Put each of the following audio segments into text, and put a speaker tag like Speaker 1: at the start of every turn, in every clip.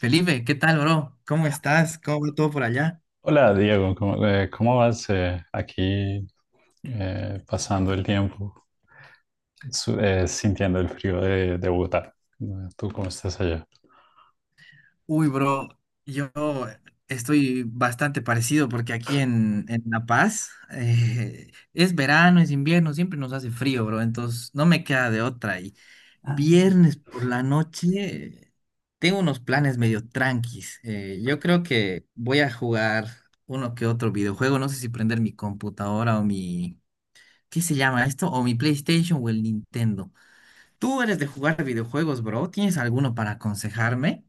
Speaker 1: Felipe, ¿qué tal, bro? ¿Cómo estás? ¿Cómo va todo por allá?
Speaker 2: Hola Diego, ¿cómo, cómo vas aquí pasando el tiempo, sintiendo el frío de Bogotá? ¿Tú cómo estás allá?
Speaker 1: Uy, bro, yo estoy bastante parecido porque aquí en La Paz, es verano, es invierno, siempre nos hace frío, bro, entonces no me queda de otra. Y
Speaker 2: Ah.
Speaker 1: viernes por la noche tengo unos planes medio tranquis. Yo creo que voy a jugar uno que otro videojuego, no sé si prender mi computadora o mi, ¿qué se llama esto? O mi PlayStation o el Nintendo. Tú eres de jugar videojuegos, bro. ¿Tienes alguno para aconsejarme?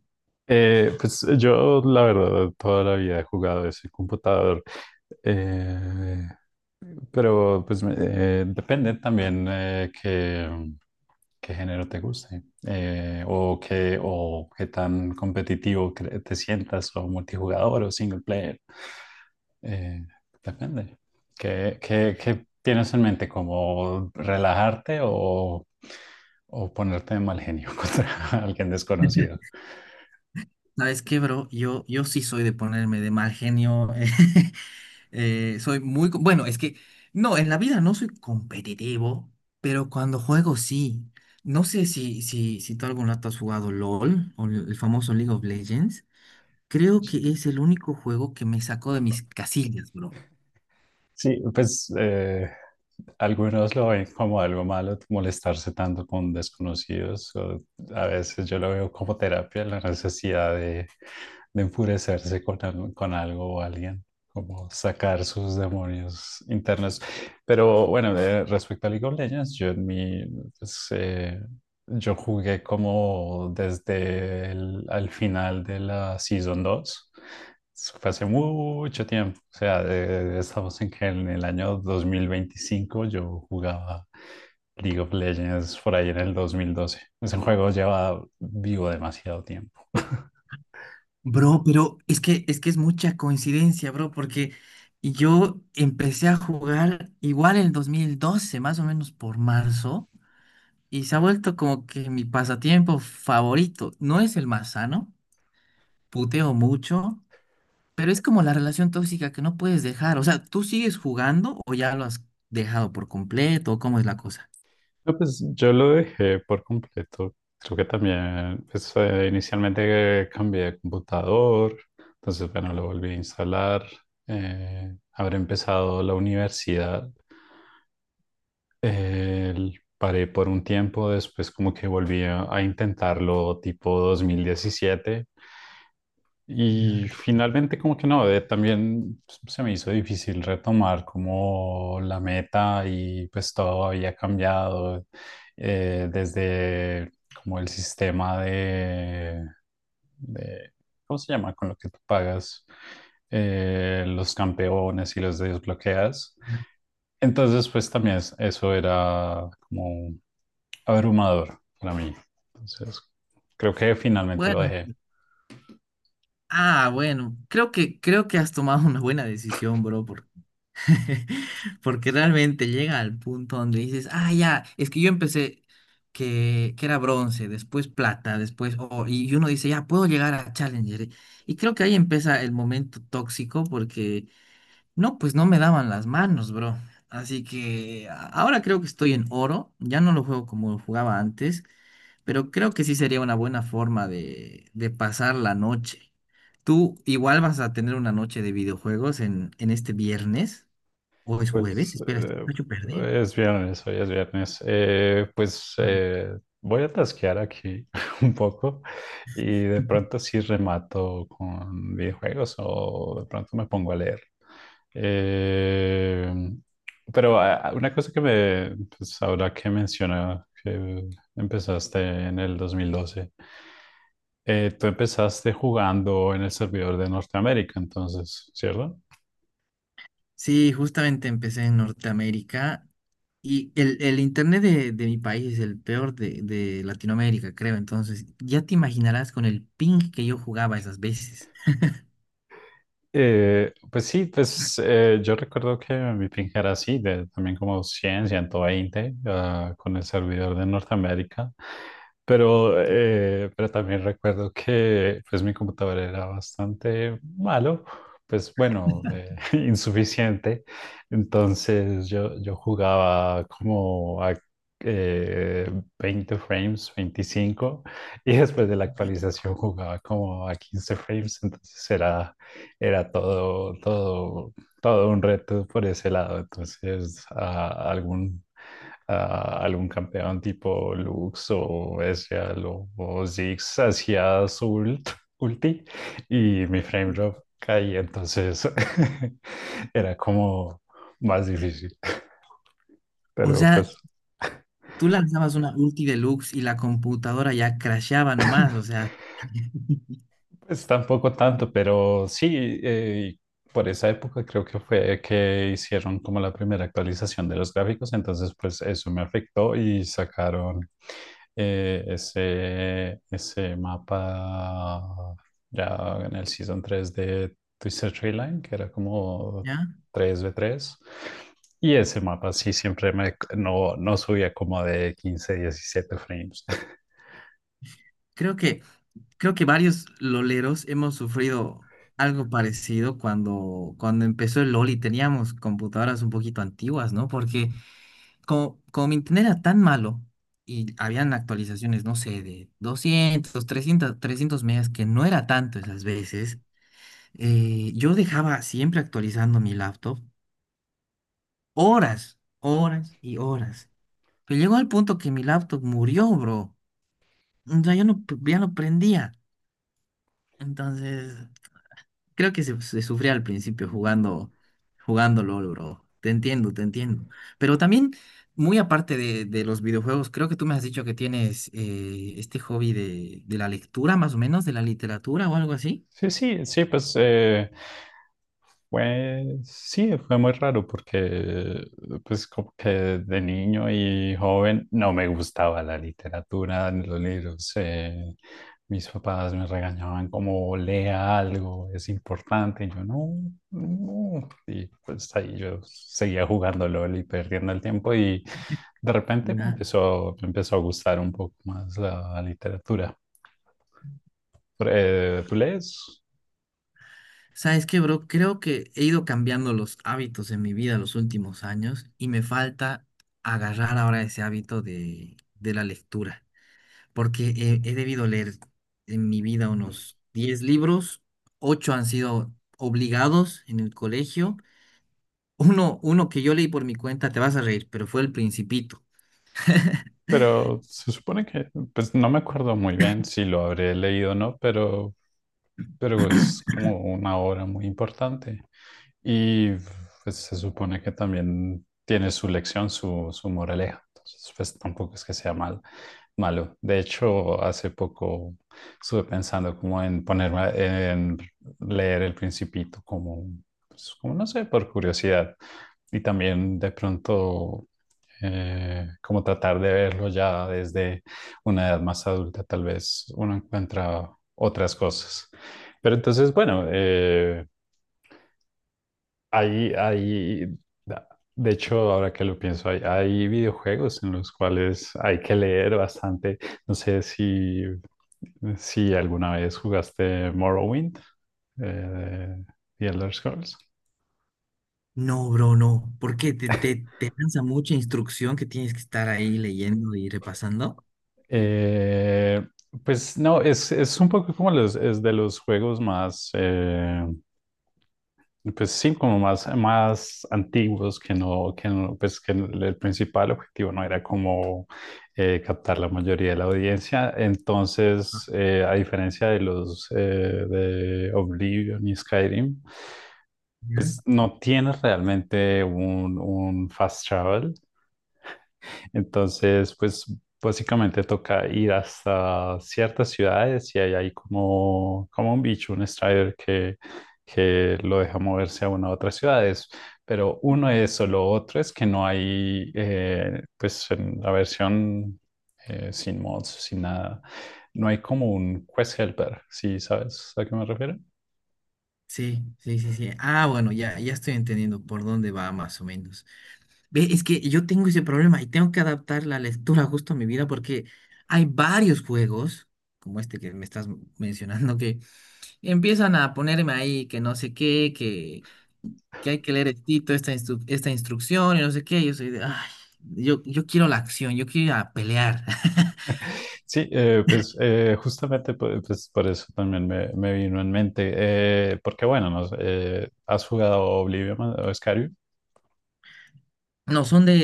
Speaker 2: Pues yo la verdad toda la vida he jugado ese computador. Eh, Pero pues depende también, qué, qué género te guste, o qué, o qué tan competitivo te sientas, o multijugador o single player. Eh, depende. ¿Qué, qué tienes en mente? ¿Como relajarte, o ponerte de mal genio contra alguien desconocido?
Speaker 1: ¿Sabes qué, bro? Yo sí soy de ponerme de mal genio. Soy muy... co- Bueno, es que, no, en la vida no soy competitivo, pero cuando juego sí. No sé si tú algún rato has jugado LOL o el famoso League of Legends. Creo que es el único juego que me sacó de mis casillas, bro.
Speaker 2: Sí, pues algunos lo ven como algo malo, molestarse tanto con desconocidos. O a veces yo lo veo como terapia, la necesidad de enfurecerse con algo o alguien, como sacar sus demonios internos. Pero bueno, respecto a League of Legends, yo en mi, pues, yo jugué como desde el al final de la Season 2. Eso fue hace mucho tiempo. O sea, estamos en que en el año 2025, yo jugaba League of Legends por ahí en el 2012. Ese juego lleva vivo demasiado tiempo.
Speaker 1: Bro, pero es que es mucha coincidencia, bro, porque yo empecé a jugar igual en el 2012, más o menos por marzo, y se ha vuelto como que mi pasatiempo favorito. No es el más sano, puteo mucho, pero es como la relación tóxica que no puedes dejar. O sea, ¿tú sigues jugando o ya lo has dejado por completo? ¿O cómo es la cosa?
Speaker 2: No, pues yo lo dejé por completo. Creo que también, pues inicialmente cambié de computador, entonces bueno, lo volví a instalar. Habré empezado la universidad, paré por un tiempo, después como que volví a intentarlo tipo 2017. Y
Speaker 1: Ya.
Speaker 2: finalmente como que no, también pues, se me hizo difícil retomar como la meta, y pues todo había cambiado, desde como el sistema de- ¿cómo se llama? Con lo que tú pagas los campeones y los desbloqueas. Entonces pues también eso era como abrumador para mí. Entonces creo que finalmente lo
Speaker 1: Bueno,
Speaker 2: dejé.
Speaker 1: ah, bueno, creo que has tomado una buena decisión, bro. Porque realmente llega al punto donde dices, ah, ya, es que yo empecé que era bronce, después plata, después oro, y uno dice, ya, puedo llegar a Challenger. Y creo que ahí empieza el momento tóxico porque, no, pues no me daban las manos, bro. Así que a- ahora creo que estoy en oro, ya no lo juego como lo jugaba antes, pero creo que sí sería una buena forma de pasar la noche. ¿Tú igual vas a tener una noche de videojuegos en este viernes? ¿O es
Speaker 2: Pues
Speaker 1: jueves? Espera, este
Speaker 2: eh,
Speaker 1: muchacho perdí.
Speaker 2: es viernes, hoy es viernes. Pues
Speaker 1: Ah.
Speaker 2: voy a tasquear aquí un poco, y de pronto sí remato con videojuegos, o de pronto me pongo a leer. Eh, pero ah, una cosa que me, pues ahora que menciona que empezaste en el 2012, tú empezaste jugando en el servidor de Norteamérica, entonces, ¿cierto?
Speaker 1: Sí, justamente empecé en Norteamérica y el internet de mi país es el peor de Latinoamérica, creo. Entonces, ya te imaginarás con el ping que yo jugaba esas veces.
Speaker 2: Pues sí, pues yo recuerdo que mi ping era así, de, también como 100, 120, ah, con el servidor de Norteamérica, pero también recuerdo que pues mi computador era bastante malo, pues bueno, insuficiente, entonces yo jugaba como a eh, 20 frames, 25, y después de la
Speaker 1: Y-
Speaker 2: actualización jugaba como a 15 frames. Entonces era todo un reto por ese lado. Entonces, a algún campeón tipo Lux o Ezreal o Ziggs hacía su ulti, y mi frame drop caía. Entonces, era como más difícil.
Speaker 1: O
Speaker 2: Pero
Speaker 1: sea,
Speaker 2: pues...
Speaker 1: tú lanzabas una ulti deluxe y la computadora ya crasheaba nomás, o sea.
Speaker 2: Pues tampoco tanto, pero sí, por esa época creo que fue que hicieron como la primera actualización de los gráficos, entonces pues eso me afectó, y sacaron ese mapa ya en el Season 3 de Twisted Tree Line, que era como
Speaker 1: ¿Ya?
Speaker 2: 3v3. Y ese mapa sí siempre me, no, no subía como de 15, 17 frames.
Speaker 1: Creo que Creo que varios loleros hemos sufrido algo parecido cuando empezó el LOL y teníamos computadoras un poquito antiguas, ¿no? Porque como mi internet era tan malo y habían actualizaciones, no sé, de 200 300, 300 megas, que no era tanto esas veces, yo dejaba siempre actualizando mi laptop horas, horas y horas. Pero llegó al punto que mi laptop murió, bro. O sea, yo no, ya no prendía. Entonces... Creo que se sufría al principio jugando, jugando LOL, bro. Te entiendo, te entiendo. Pero también, muy aparte de los videojuegos, creo que tú me has dicho que tienes este hobby de la lectura, más o menos, de la literatura o algo así.
Speaker 2: Sí, sí, sí, pues sí, fue muy raro porque pues como que de niño y joven no me gustaba la literatura ni los libros. Mis papás me regañaban como lea algo, es importante. Y yo no, no. Y pues ahí yo seguía jugando LOL y perdiendo el tiempo, y de repente me
Speaker 1: Ya.
Speaker 2: empezó, me empezó a gustar un poco más la literatura. Pero, ¿tú lees?
Speaker 1: ¿Sabes qué, bro? Creo que he ido cambiando los hábitos en mi vida los últimos años y me falta agarrar ahora ese hábito de la lectura. Porque he debido leer en mi vida unos 10 libros, 8 han sido obligados en el colegio. Uno que yo leí por mi cuenta, te vas a reír, pero fue El Principito.
Speaker 2: Pero se supone que, pues no me acuerdo muy bien si lo habré leído o no, pero es como una obra muy importante. Y pues se supone que también tiene su lección, su moraleja. Entonces, pues tampoco es que sea malo. De hecho, hace poco estuve pensando como en ponerme, en leer El Principito, como pues, como no sé, por curiosidad. Y también de pronto, como tratar de verlo ya desde una edad más adulta, tal vez uno encuentra otras cosas. Pero entonces, bueno, hay, hay, de hecho, ahora que lo pienso, hay videojuegos en los cuales hay que leer bastante. No sé si alguna vez jugaste Morrowind, de The Elder Scrolls.
Speaker 1: No, bro, no, porque te lanza mucha instrucción que tienes que estar ahí leyendo y repasando.
Speaker 2: Eh, pues no, es un poco como los, es de los juegos más, pues sí, como más antiguos que no, pues que el principal objetivo no era como captar la mayoría de la audiencia.
Speaker 1: Ah,
Speaker 2: Entonces, a diferencia de los de Oblivion y Skyrim, pues
Speaker 1: ya.
Speaker 2: no tienes realmente un fast travel. Entonces, pues básicamente toca ir hasta ciertas ciudades, y ahí hay como un bicho, un Strider que lo deja moverse a una u otras ciudades. Pero uno es solo, otro es que no hay, pues en la versión sin mods, sin nada, no hay como un quest helper, ¿sí sabes a qué me refiero?
Speaker 1: Sí. Ah, bueno, ya, ya estoy entendiendo por dónde va más o menos. Ve, es que yo tengo ese problema y tengo que adaptar la lectura justo a mi vida porque hay varios juegos, como este que me estás mencionando, que empiezan a ponerme ahí que no sé qué, que hay que leer estito, esta, instru- esta instrucción y no sé qué. Yo soy de, ay, yo quiero la acción, yo quiero ir a pelear.
Speaker 2: Sí, pues justamente pues, por eso también me vino en mente, porque bueno, no sé, ¿has jugado Oblivion o Skyrim?
Speaker 1: No, son de,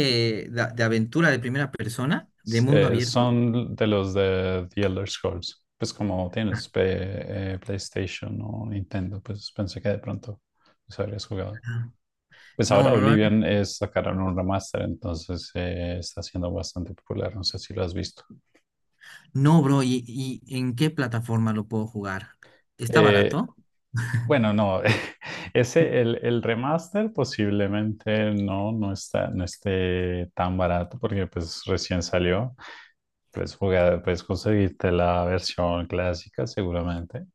Speaker 1: de, de aventura de primera persona, de
Speaker 2: S-
Speaker 1: mundo
Speaker 2: eh,
Speaker 1: abierto.
Speaker 2: son de los de The Elder Scrolls, pues como
Speaker 1: Ajá.
Speaker 2: tienes PlayStation o Nintendo, pues pensé que de pronto los habrías jugado. Pues
Speaker 1: No,
Speaker 2: ahora
Speaker 1: no, no,
Speaker 2: Oblivion es, sacaron un remaster, entonces está siendo bastante popular, no sé si lo has visto.
Speaker 1: no, bro. Y en qué plataforma lo puedo jugar? ¿Está
Speaker 2: Eh,
Speaker 1: barato?
Speaker 2: bueno, no, ese, el remaster posiblemente no, no está, no esté tan barato porque pues recién salió. Puedes jugar, puedes conseguirte la versión clásica seguramente,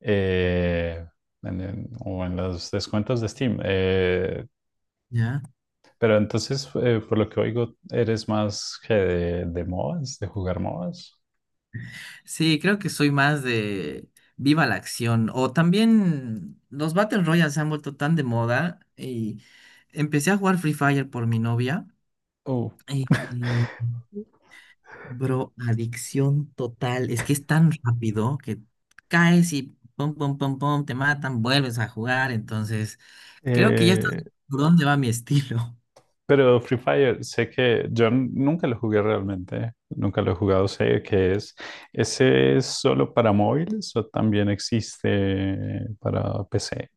Speaker 2: eh, o en los descuentos de Steam. eh,
Speaker 1: Ya.
Speaker 2: pero entonces, por lo que oigo, eres más que de MOBAs, de jugar MOBAs.
Speaker 1: Sí, creo que soy más de viva la acción. O también los Battle Royales se han vuelto tan de moda y empecé a jugar Free Fire por mi novia.
Speaker 2: Uh,
Speaker 1: Y, y, bro, adicción total. Es que es tan rápido que caes y pum, pum, pum, pum, te matan, vuelves a jugar. Entonces, creo que ya estás
Speaker 2: eh,
Speaker 1: por dónde va mi estilo.
Speaker 2: Pero Free Fire, sé que yo nunca lo jugué realmente, nunca lo he jugado, sé que es. ¿Ese es solo para móviles o también existe para PC?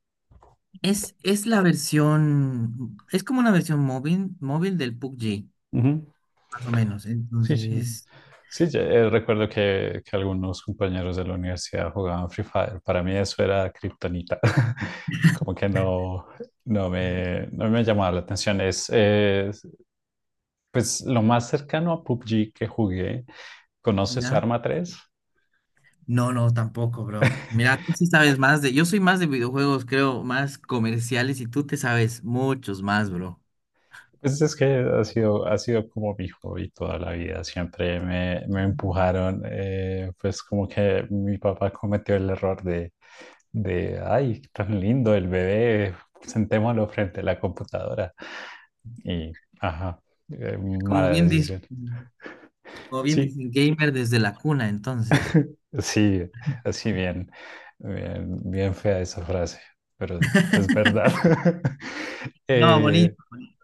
Speaker 1: Es la versión, es como una versión móvil, móvil del PUBG,
Speaker 2: Ujú.
Speaker 1: más o menos.
Speaker 2: Sí, sí.
Speaker 1: Entonces,
Speaker 2: Sí, ya, recuerdo que algunos compañeros de la universidad jugaban Free Fire. Para mí eso era kriptonita. Como que no, no me llamaba la atención. Es, pues lo más cercano a PUBG que jugué. ¿Conoces
Speaker 1: ya.
Speaker 2: Arma 3?
Speaker 1: No, no, tampoco, bro. Mira, tú sí sabes más de. Yo soy más de videojuegos, creo, más comerciales y tú te sabes muchos más, bro.
Speaker 2: Pues es que ha sido como mi hobby toda la vida. Siempre me empujaron, pues como que mi papá cometió el error de, ay, tan lindo el bebé, sentémoslo frente a la computadora. Y, ajá,
Speaker 1: Como
Speaker 2: mala
Speaker 1: bien dicen,
Speaker 2: decisión.
Speaker 1: como bien
Speaker 2: Sí,
Speaker 1: dicen, gamer desde la cuna, entonces.
Speaker 2: sí, así bien, bien, bien fea esa frase, pero es verdad.
Speaker 1: No,
Speaker 2: Eh,
Speaker 1: bonito, bonito.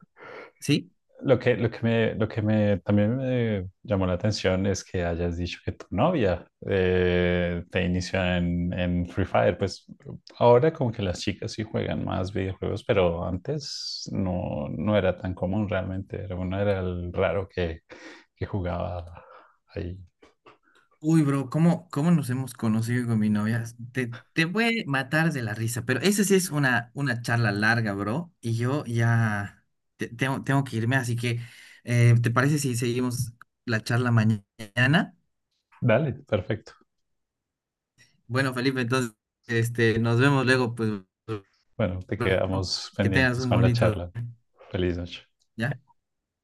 Speaker 1: ¿Sí?
Speaker 2: Lo que, lo que me también me llamó la atención es que hayas dicho que tu novia te inició en Free Fire. Pues ahora como que las chicas sí juegan más videojuegos, pero antes no, no era tan común realmente. Era uno era el raro que jugaba ahí.
Speaker 1: Uy, bro, ¿cómo, cómo nos hemos conocido con mi novia? Te voy a matar de la risa, pero esa sí es una charla larga, bro, y yo ya tengo que irme, así que, ¿te parece si seguimos la charla mañana?
Speaker 2: Dale, perfecto.
Speaker 1: Bueno, Felipe, entonces, este, nos vemos luego, pues,
Speaker 2: Bueno, te quedamos
Speaker 1: que tengas
Speaker 2: pendientes
Speaker 1: un
Speaker 2: con la
Speaker 1: bonito,
Speaker 2: charla. Feliz noche.
Speaker 1: ¿ya?